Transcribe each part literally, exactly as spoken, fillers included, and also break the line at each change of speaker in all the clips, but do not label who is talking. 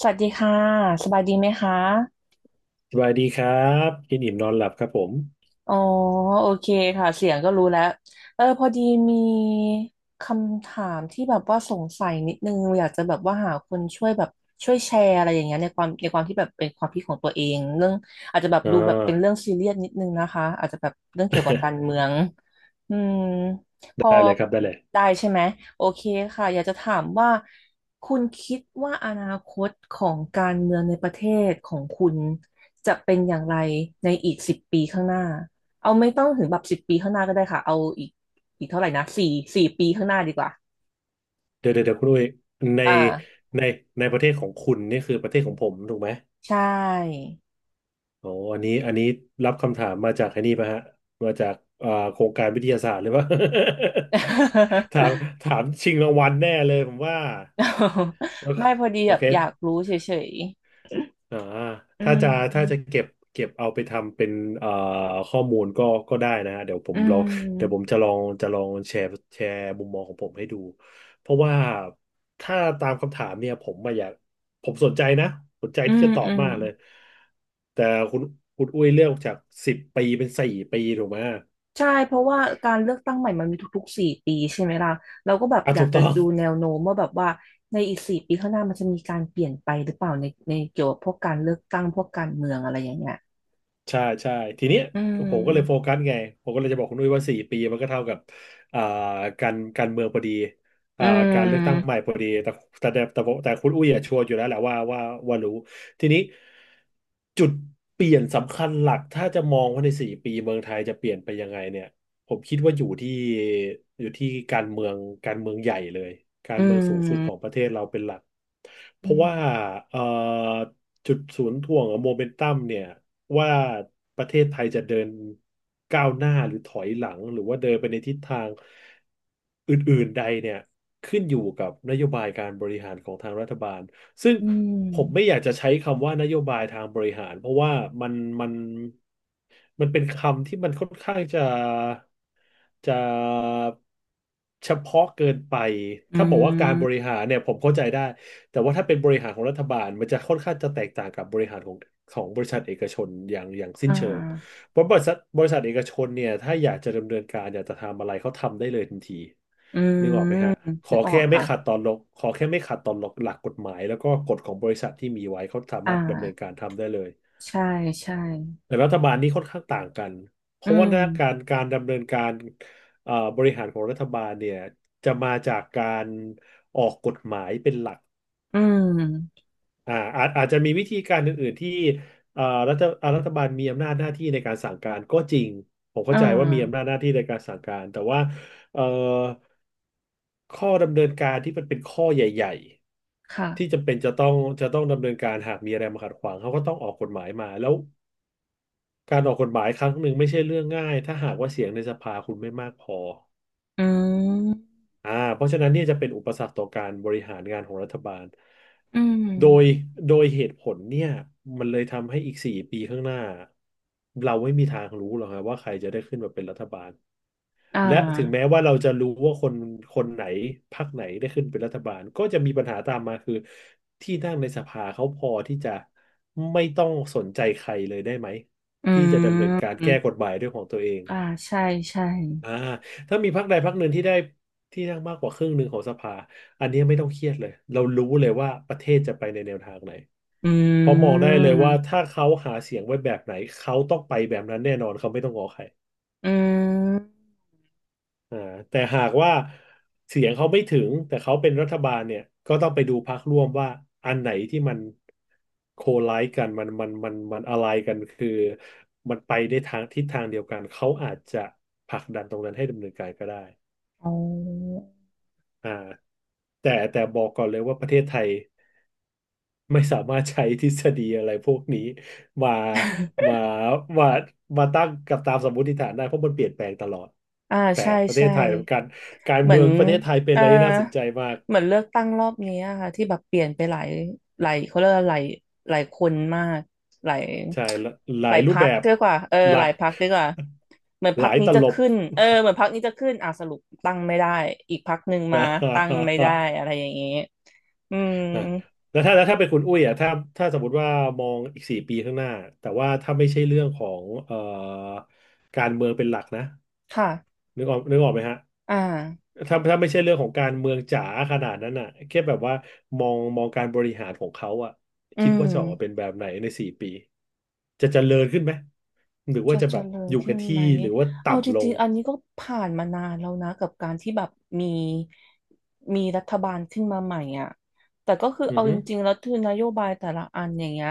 สวัสดีค่ะสบายดีไหมคะ
สบายดีครับกินอิ่มนอนหลับครับผม
อ๋อโอเคค่ะเสียงก็รู้แล้วเออพอดีมีคำถามที่แบบว่าสงสัยนิดนึงอยากจะแบบว่าหาคนช่วยแบบช่วยแชร์อะไรอย่างเงี้ยในความในความที่แบบเป็นความคิดของตัวเองเรื่องอาจจะแบบ
อ่
ดูแบบเป็นเรื่อ
า
งซีเรียสนิดนึงนะคะอาจจะแบบเรื่องเกี่ยวกับการ เมืองอืมพอ
ได้เลยครับได้เลย
ได้ใช่ไหมโอเคค่ะอยากจะถามว่าคุณคิดว่าอนาคตของการเมืองในประเทศของคุณจะเป็นอย่างไรในอีกสิบปีข้างหน้า เอาไม่ต้องถึงแบบสิบปีข้างหน้าก็ได้ค่ะเอาอีกอีกเท่าไหร่นะสี่สี่ปีข้างหน้าดีกว่า
เดี๋ยวเดี๋ยวเดี๋ยวคุณอุ้ยใน
อ่า
ในในประเทศของคุณนี่คือประเทศของผมถูกไหม
ใช่
อ๋ออันนี้อันนี้รับคำถามมาจากไอ้นี่ป่ะฮะมาจากอ่าโครงการวิทยาศาสตร์หรือเปล่า ถามถามชิงรางวัลแน่เลยผมว่าโอ เค
ไม่พอดี
โอ
แบบอยาก
เค
รู้เฉย
อ่า
ๆอื
ถ้าจะถ้าจะ
ม
เก็บเก็บเอาไปทำเป็นเอ่อข้อมูลก็ก็ได้นะฮะเดี๋ยวผ
อื
มลองเดี๋ยวผ
ม
มจะลองจะลองแชร์แชร์มุมมองของผมให้ดูเพราะว่าถ้าตามคำถามเนี่ยผมมาอยากผมสนใจนะสนใจ
อื
ที่
ม
จะตอ
อื
บ
ม
มากเลยแต่คุณคุณอุ้ยเลือกจากสิบปีเป็นสี่ปีถูกไหม
ใช่เพราะว่าการเลือกตั้งใหม่มันมีทุกๆสี่ปีใช่ไหมล่ะเราก็แบบ
อ่ะ
อยา
ถู
ก
ก
จะ
ต้อง
ดูแนวโน้มว่าแบบว่าในอีกสี่ปีข้างหน้ามันจะมีการเปลี่ยนไปหรือเปล่าในในเกี่ยวกับพวกการเลือกตั้งพวกการเมืองอะไรอย่างเงี้ย
ใช่ใช่ทีเนี้ย
อื
ผมก็เลยโฟ
ม
กัสไงผมก็เลยจะบอกคุณนุ้ยว่าสี่ปีมันก็เท่ากับอ่าการการเมืองพอดี
อื
อ่าการเลือกตั้งใหม่
ม
พอดีแต่แต่แต่แต่แต่คุณอุ้ยอะชัวร์อยู่แล้วแหละว่าว่าว่ารู้ทีนี้จุดเปลี่ยนสำคัญหลักถ้าจะมองว่าในสี่ปีเมืองไทยจะเปลี่ยนไปยังไงเนี่ยผมคิดว่าอยู่ที่อยู่ที่การเมืองการเมืองใหญ่เลยกา
อื
รเมืองสูงสุดของ
ม
ประเทศเราเป็นหลักเพ
อื
ราะ
ม
ว่าเอ่อจุดศูนย์ถ่วงโมเมนตัมเนี่ย ว่าประเทศไทยจะเดินก้าวหน้าหรือถอยหลังหรือว่าเดินไปในทิศทางอื่นๆใดเนี่ยขึ้นอยู่กับนโยบายการบริหารของทางรัฐบาล ซึ่ง
อืม
ผมไม่อยากจะใช้คำว่านโยบายทางบริหารเพราะว่ามันมันมันเป็นคำที่มันค่อนข้างจะจะเฉพาะเกินไป
อื
ถ้าบอกว่าการ
ม
บริหารเนี่ยผมเข้าใจได้แต่ว่าถ้าเป็นบริหารของรัฐบาลมันจะค่อนข้างจะแตกต่างกับบริหารของของบริษัทเอกชนอย่างอย่างสิ้
อ่
นเชิง
า
เพราะบริษัทบริษัทเอกชนเนี่ยถ้าอยากจะดำเนินการอยากจะทำอะไรเขาทำได้เลยทันที
อื
นึกออกไห
ม
มฮะข
นึ
อ
กออ
แค่
ก
ไม่
ค่ะ
ขัดต่อหลักขอแค่ไม่ขัดต่อหลักหลักกฎหมายแล้วก็กฎของบริษัทที่มีไว้เขาสา
อ่
มารถดำเนิน
า
การทำได้เลย
ใช่ใช่
แต่รัฐบาลนี่ค่อนข้างต่างกันเพ
อื
ราะว่าห
ม
น้าการการดำเนินการเอ่อบริหารของรัฐบาลเนี่ยจะมาจากการออกกฎหมายเป็นหลัก
อืม
อ่าอาจอาจจะมีวิธีการอื่นๆที่เอ่อรัฐอ่ารัฐบาลมีอำนาจหน้าที่ในการสั่งการก็จริงผม
อ่
เข้าใจว่ามีอำนาจ
า
หน้าที่ในการสั่งการแต่ว่าเอ่อข้อดำเนินการที่มันเป็นข้อใหญ่
ค่ะ
ๆที่จำเป็นจะต้องจะต้องดำเนินการหากมีอะไรมาขัดขวางเขาก็ต้องออกกฎหมายมาแล้วการออกกฎหมายครั้งหนึ่งไม่ใช่เรื่องง่ายถ้าหากว่าเสียงในสภาคุณไม่มากพอ
อืม
อ่าเพราะฉะนั้นเนี่ยจะเป็นอุปสรรคต่อการบริหารงานของรัฐบาล
อืม
โดยโดยเหตุผลเนี่ยมันเลยทำให้อีกสี่ปีข้างหน้าเราไม่มีทางรู้หรอกครับว่าใครจะได้ขึ้นมาเป็นรัฐบาล
อ่
และถึงแม้
า
ว่าเราจะรู้ว่าคนคนไหนพรรคไหนได้ขึ้นเป็นรัฐบาลก็จะมีปัญหาตามมาคือที่นั่งในสภาเขาพอที่จะไม่ต้องสนใจใครเลยได้ไหม
อื
ที่จะดำเนินการ
ม
แก้กฎหมายด้วยของตัวเอง
อ่าใช่ใช่
อ่าถ้ามีพรรคใดพรรคหนึ่งที่ได้ที่นั่งมากกว่าครึ่งหนึ่งของสภาอันนี้ไม่ต้องเครียดเลยเรารู้เลยว่าประเทศจะไปในแนวทางไหน
อื
เพราะมองได้เลยว่า
ม
ถ้าเขาหาเสียงไว้แบบไหนเขาต้องไปแบบนั้นแน่นอนเขาไม่ต้องงอใคร
อืม
อ่าแต่หากว่าเสียงเขาไม่ถึงแต่เขาเป็นรัฐบาลเนี่ยก็ต้องไปดูพรรคร่วมว่าอันไหนที่มันโคไลซ์กันมันมันมันมันอะไรกันคือมันไปในทางทิศทางเดียวกันเขาอาจจะผลักดันตรงนั้นให้ดำเนินการก็ได้
อ๋อ
อ่าแต่แต่บอกก่อนเลยว่าประเทศไทยไม่สามารถใช้ทฤษฎีอะไรพวกนี้มา มามามาตั้งกับตามสมมติฐานได้เพราะมันเปลี่ยนแปลงตลอด
อ่า
แปล
ใช่
กประเท
ใช่
ศไทยการการ
เหมื
เมื
อน
องประเทศไทยเป็น
เอ่
อะ
อ
ไรที่น่าสนใจมาก
เหมือนเลือกตั้งรอบนี้อะค่ะที่แบบเปลี่ยนไปหลายหลายเขาเรียกว่าหลายหลายคนมากหลาย
ใช่หลหลา
หลา
ย
ย
รู
พ
ป
รร
แบ
ค
บ
ดีกว่าเออ
ห
ห
ลา
ลา
ย
ยพรรคดีกว่าเหมือน พ
ห
รรค
ลาย
นี้
ต
จะ
ลบ
ขึ้นเออเหมือนพรรคนี้จะขึ้นอ่ะสรุปตั้งไม่ได้อีกพรรคหนึ่งมา
นะ
ตั้งไม่ได้อะไรอย่างนี้อืม
นะแล้วถ้าแล้วถ้าเป็นคุณอุ้ยอ่ะถ้าถ้าสมมติว่ามองอีกสี่ปีข้างหน้าแต่ว่าถ้าไม่ใช่เรื่องของเอ่อการเมืองเป็นหลักนะ
ค่ะ
นึกออกนึกออกไหมฮะ
อ่า
ถ้าถ้าไม่ใช่เรื่องของการเมืองจ๋าขนาดนั้นอ่ะแค่แบบว่ามองมองการบริหารของเขาอ่ะ
อื
คิด
ม
ว่าจะออกมาเป็นแบบไหนในสี่ปีจะเจริญขึ้นไหม หรือว่า
จะ
จะ
เจ
แบบ
ริญ
อยู่
ขึ้
กับ
น
ที่
ไหม
หรือว่า
เอาจ
ต่ำล
ริ
ง
งๆอันนี้ก็ผ่านมานานแล้วนะกับการที่แบบมีมีรัฐบาลขึ้นมาใหม่อ่ะแต่ก็คือ
อือ
เอาจ
ฮึ
ริงๆแล้วคือนโยบายแต่ละอันอย่างเงี้ย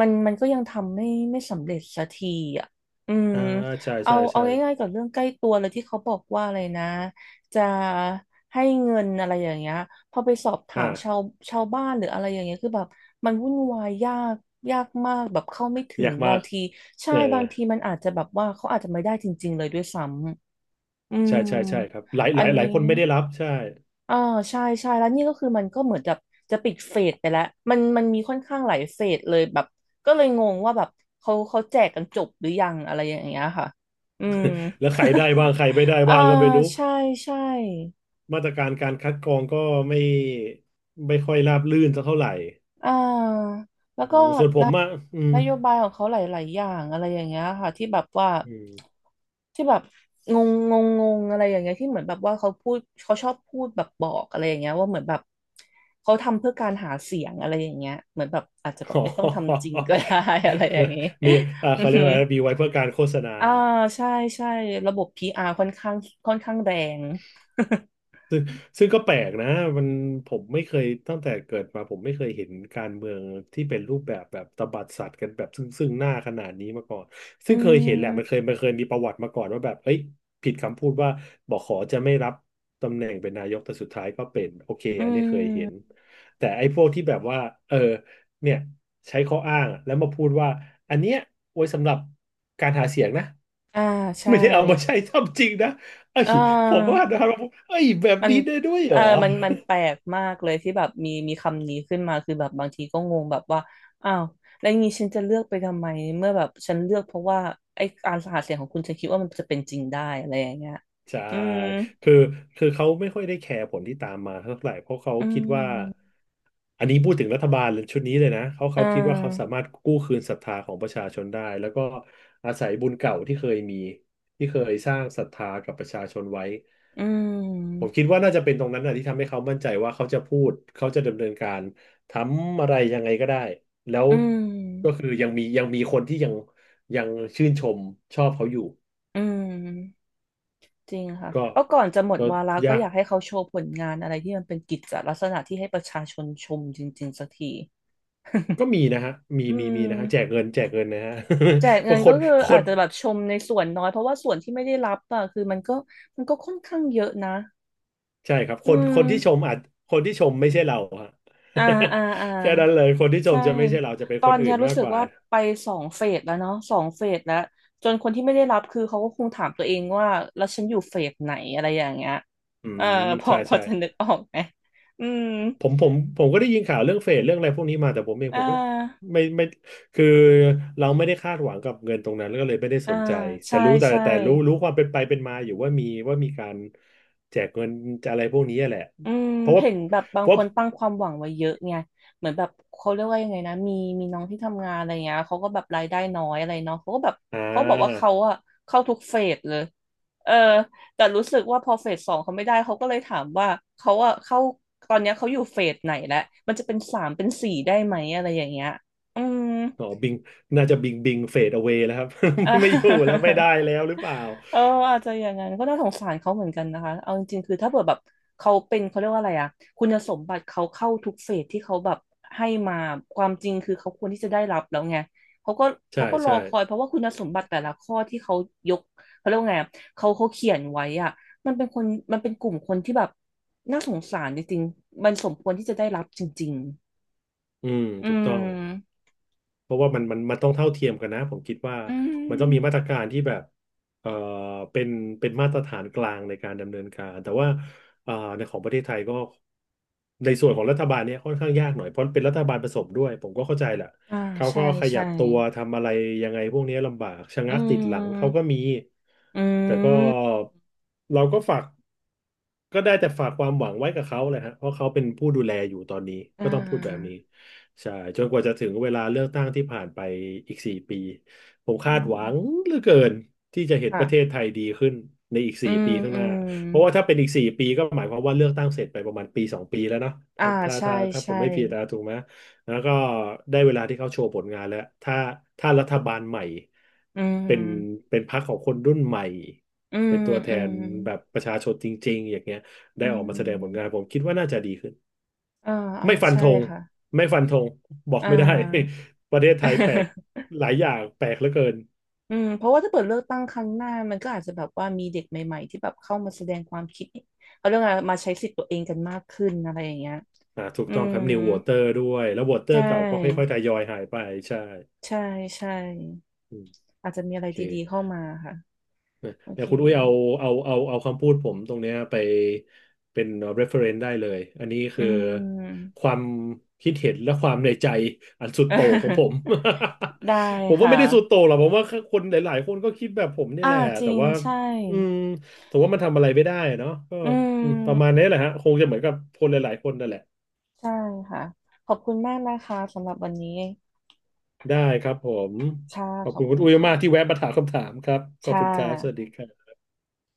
มันมันก็ยังทำไม่ไม่สำเร็จสักทีอ่ะอืม
อ่าใช่
เอา
ใช่
เอา
ใช่
ง่ายๆกับเรื่องใกล้ตัวเลยที่เขาบอกว่าอะไรนะ จะให้เงินอะไรอย่างเงี้ยพอไปสอบถามชา
อ่า
วชาวบ้านหรืออะไรอย่างเงี้ยคือแบบมันวุ่นวายยากยากมากแบบเข้าไม่ถึ
อ
ง
ยาก
บา
มา
ง
ก
ทีใช่
เออ
บางทีมันอาจจะแบบว่าเขาอาจจะไม่ได้จริงๆเลยด้วยซ้ำ อืม
ใช่ใช่ใช่ครับหลายห
อั
ลา
น
ยหลายค
นี้
นไม่ได้รับใช่
อ่า ใช่ใช่แล้วนี่ก็คือมันก็เหมือนจะจะปิดเฟสไปแล้วมันมันมีค่อนข้างหลายเฟสเลยแบบก็เลยงงว่าแบบเขาเขาแจกกันจบหรือยัง อะไรอย่างเงี้ยค่ะ อืม
แล้วใครได้บ้างใครไม่ได้
อ่า
บ้างก็ไม่รู้
ใช่ใช่
มาตรการการคัดกรองก็ไม่ไม่ค่อยราบรื่นสักเท่าไหร่
อ่า แล้ว
อื
ก็
มส่วนผ
น
มอะอืม
นโยบายของเขาหลายๆอย่างอะไรอย่างเงี้ยค่ะที่แบบว่า
อืม
ที่แบบงงงงงงอะไรอย่างเงี้ยที่เหมือนแบบว่าเขาพูดเขาชอบพูดแบบบอกอะไรอย่างเงี้ยว่าเหมือนแบบเขาทำเพื่อการหาเสียงอะไรอย่างเงี้ยเหมือนแบบอาจจะแบ บ
อ๋
ไม่ต้องทำจ
อ
ริงก็ได้ อะไรอย่างเงี้ย
มีอ่า
อือ
เขาเรีย
ฮึ
กว่ามีไว้เพื่อการโฆษณา
อ่าใช่ใช่ระบบพีอาร์ค่อนข้างค่อนข้างแรง
ซึ่งก็แปลกนะมันผมไม่เคยตั้งแต่เกิดมาผมไม่เคยเห็นการเมืองที่เป็นรูปแบบแบบตบัดสัตว์กันแบบซึ่งซึ่งหน้าขนาดนี้มาก่อน
อื
ซึ่งเคยเห็นแหละมันเค
ม
ยมันเคยมีประวัติมาก่อนว่าแบบเอ้ยผิดคำพูดว่าบอกขอจะไม่รับตำแหน่งเป็นนายกแต่สุดท้ายก็เป็นโอเค
อื
อันนี้เคยเห็น
ม
แต่ไอ้พวกที่แบบว่าเออเนี่ยใช้ข้ออ้างอะแล้วมาพูดว่าอันเนี้ยไว้สำหรับการหาเสียงนะ
อ่าใช่
ไม่ได้เอามาใช้ ทำจริงนะ เอ้
เอ่า
ยผมว่านะครับว่าเอ้ยแบบ
มัน
นี้ได้ด้วยเห
เอ
ร
อ
อ
มันมันแปลกมากเลยที่แบบมีมีคำนี้ขึ้นมา คือแบบบางทีก็งงแบบว่าอ้าวแล้วงี้ฉันจะเลือกไปทำไมเมื่อแบบฉันเลือกเพราะว่าไอ้การหาเสียงของคุณฉันคิดว่ามันจะเป็นจริงได้อะไรอย่างเงี้ย
ใช่
อืม
คือคือเขาไม่ค่อยได้แคร์ผลที่ตามมาเท่าไหร่เพราะเขา
อื
คิดว่า
ม
อันนี้พูดถึงรัฐบาลชุดนี้เลยนะเขา
อ่
เขาคิดว่าเขาสา
า
มารถกู้คืนศรัทธาของประชาชนได้แล้วก็อาศัยบุญเก่าที่เคยมีที่เคยสร้างศรัทธากับประชาชนไว้
อื
ผม
ม
คิดว่าน่าจะเป็นตรงนั้นนะที่ทำให้เขามั่นใจว่าเขาจะพูดเขาจะดำเนินการทำอะไรยังไงก็ได้แล้ว
อืม
ก็คือยังมียังมีคนที่ยังยังชื่นชมชอบเขาอยู่
อืมจริงค่ะ
ก็
ก็ก่อนจะหมด
ก็
วาระก็
ยา
อ
ก
ยากให้เขาโชว์ผลงานอะไรที่มันเป็นกิจลักษณะที่ให้ประชาชนชมจริงๆสักที
ก็มีนะฮะมี
อื
มี
ม
มีนะฮะแจกเงินแจกเงินนะฮะ
แจก
เพ
เงิ
ราะ
น
ค
ก็
น
คือ
ค
อาจ
น
จะแบบชมในส่วนน้อยเพราะว่าส่วนที่ไม่ได้รับอ่ะคือมันก็มันก็ค่อนข้างเยอะนะ
ใช่ครับค
อื
น
ม
คนที่ชมอาจคนที่ชมไม่ใช่เราฮะ
อ่าอ่าอ่า
แค่นั้นเลยคนที่ช
ใช่
มจะไม่ใช่เราจะเป็น
ตอ
คน
น
อื่
เนี้ย
น
รู้
มาก
สึ
ก
ก
ว่า
ว่าไปสองเฟสแล้วเนาะสองเฟสแล้วจนคนที่ไม่ได้รับคือเขาก็คงถามตัวเองว่าแล้วฉันอยู่เฟสไหนอะไรอย่างเงี้ย
อื
เออ
ม
พอ
ใช่
พอ
ใช่
จะนึกออกไหมอืม
ผมผมผมก็ได้ยินข่าวเรื่องเฟดเรื่องอะไรพวกนี้มาแต่ผมเอง
อ่
ผมก็
า
ไม่ไม่คือเราไม่ได้คาดหวังกับเงินตรงนั้นแล้วก็เลยไม่ได้
อ่า
สนใจแต่
ใช่
รู้แต่
ใช่
แต่รู้รู้ความเป็นไปเป็นมาอยู่ว่ามีว่ามีการแจกเงินอะไรพวกนี้แหละ
อืม
เพราะว่า
เห็นแบบบาง
เพราะ
คนตั้งความหวังไว้เยอะไงเหมือนแบบเขาเรียกว่ายังไงนะมีมีน้องที่ทำงานอะไรเงี้ยเขาก็แบบรายได้น้อยอะไรเนาะเขาก็แบบ
อ่
เขาบอกว่า
า
เขาอะเข้าทุกเฟสเลยเออแต่รู้สึกว่าพอเฟสสองเขาไม่ได้เขาก็เลยถามว่าเขาอะเข้าตอนเนี้ยเขาอยู่เฟสไหนแล้วมันจะเป็นสามเป็นสี่ได้ไหมอะไรอย่างเงี้ยอืม
อ๋อบิงน่าจะบิงบิงเฟดเอา a ว y แล้วครับ ไม่อยู่แล้วไม่ได้ แล้วหรือเปล่า
ออเอออาจจะอย่างนั้นก็น่าสงสารเขาเหมือนกันนะคะเอาจริงๆคือถ้าเกิดแบบเขาเป็นเขาเรียกว่าอะไรอะคุณสมบัติเขาเข้าทุกเฟสที่เขาแบบให้มาความจริงคือเขาควรที่จะได้รับแล้วไงเขาก็
ใช่
เขาก็รอ
ใช่
คอยเพราะว่าคุณสมบัติแต่ละข้อที่เขายกเขาเรียกว่าไงอะเขาเขาเขียนไว้อะมันเป็นคนมันเป็นกลุ่มคนที่แบบน่าสงสารจริงๆมันสมควรที่จะได้รับจริง
อืม
ๆอื
ถูกต้อง
ม
เพราะว่ามันมันมันต้องเท่าเทียมกันนะผมคิดว่า
อื
มันต้องมีมา
ม
ตรการที่แบบเอ่อเป็นเป็นมาตรฐานกลางในการดำเนินการแต่ว่าเอ่อในของประเทศไทยก็ในส่วนของรัฐบาลเนี่ยค่อนข้างยากหน่อยเพราะเป็นรัฐบาลผสมด้วยผมก็เข้าใจแหละ
อ่า
เขา
ใช่
ก็ขยั
ใช่
บตัวทำอะไรยังไงพวกนี้ลำบากชะ
อื
งักติดหลังเขา
ม
ก็มี
อื
แต่ก็
ม
เราก็ฝากก็ได้แต่ฝากความหวังไว้กับเขาแหละฮะเพราะเขาเป็นผู้ดูแลอยู่ตอนนี้
อ่
ก็ต้องพูดแบบ
า
นี้ ใช่จนกว่าจะถึงเวลาเลือกตั้งที่ผ่านไปอีกสี่ปีผมคา
อื
ด
ม
หวังเหลือเกินที่จะเห็นป
ค่ะ
ระเทศไทยดีขึ้นในอีก
อื
สี่
ม
ปีข้าง
อื
หน้า
ม
เพราะว่าถ้าเป็นอีกสี่ปีก็หมายความว่าเลือกตั้งเสร็จไปประมาณปีสองปีแล้วเนาะ
อ่า
ถ้า
ใช่
ถ้าถ้าผ
ใช่
มไม่ผิดนะถูกไหมแล้วก็ได้เวลาที่เขาโชว์ผลงานแล้วถ้าถ้ารัฐบาลใหม่
อื
เป็น
ม
เป็นพรรคของคนรุ่นใหม่
อื
เป็
ม
นตัวแท
อืม
นแบบประชาชนจริงๆอย่างเงี้ย
อื
ได้ออกมาแสดงผลงาน
ม
ผมคิดว่าน่าจะดีขึ้น
อ่าอ่า
ไม่ฟัน
ใช่
ธง
ค่ะ
ไม่ฟันธงบอก
อ่า
ไม่ได้ ประเทศไทยแปลก หลายอย่างแปลกเหลือเกิน
อืมเพราะว่าถ้าเปิดเลือกตั้งครั้งหน้ามันก็อาจจะแบบว่ามีเด็กใหม่ๆที่แบบเข้ามาแสดงความคิดเขาเรื่องอะไรมาใช้สิทธิ์ตัวเองกันมากขึ้นอะไรอย่างเงี้ย
อ่าถูก
อื
ต้องค
ม
รับนิววอเตอร์ด้วยแล้ววอเตอ
ใช
ร์เก่าก็ค่อ
่
ยๆทยอยหายไปใช่
ใช่ใช่
อืม
อาจจะมีอะ
โอ
ไร
เค
ดีๆเข้ามาค่ะ
นะ
โอ
เดี๋ย
เค
วคุณอุ้ยเอาเอาเอาเอาคำพูดผมตรงเนี้ยไปเป็น reference ได้เลยอันนี้
อื
คือ
ม
ความคิดเห็นและความในใจอันสุดโต่งของผม
ได้
ผม
ค
ว่าไม่ได้สุด
่ะ
โต่งหรอกผมว่าคนหลายๆคนก็คิดแบบผมเนี่ย
อ่า
แหละ
จริ
แต่
ง
ว่า
ใช่
อืมแต่ว่ามันทำอะไรไม่ได้เนาะก็
อื
อืมประมาณ
ม
นี้แหละฮะคงจะเหมือนกับคนหลายๆคนนั่นแหละ
ใช่ค่ะ ขอบคุณมากนะคะสำหรับวันนี้
ได้ครับผม
ค่ะ
ขอบ
ขอ
คุ
บ
ณคุ
คุ
ณ
ณ
อุ้ยมากที่
ค่ะ
แวะมาถามคำถามครับขอบ
ค่
คุณครับสวัสดี
ะ
ครับ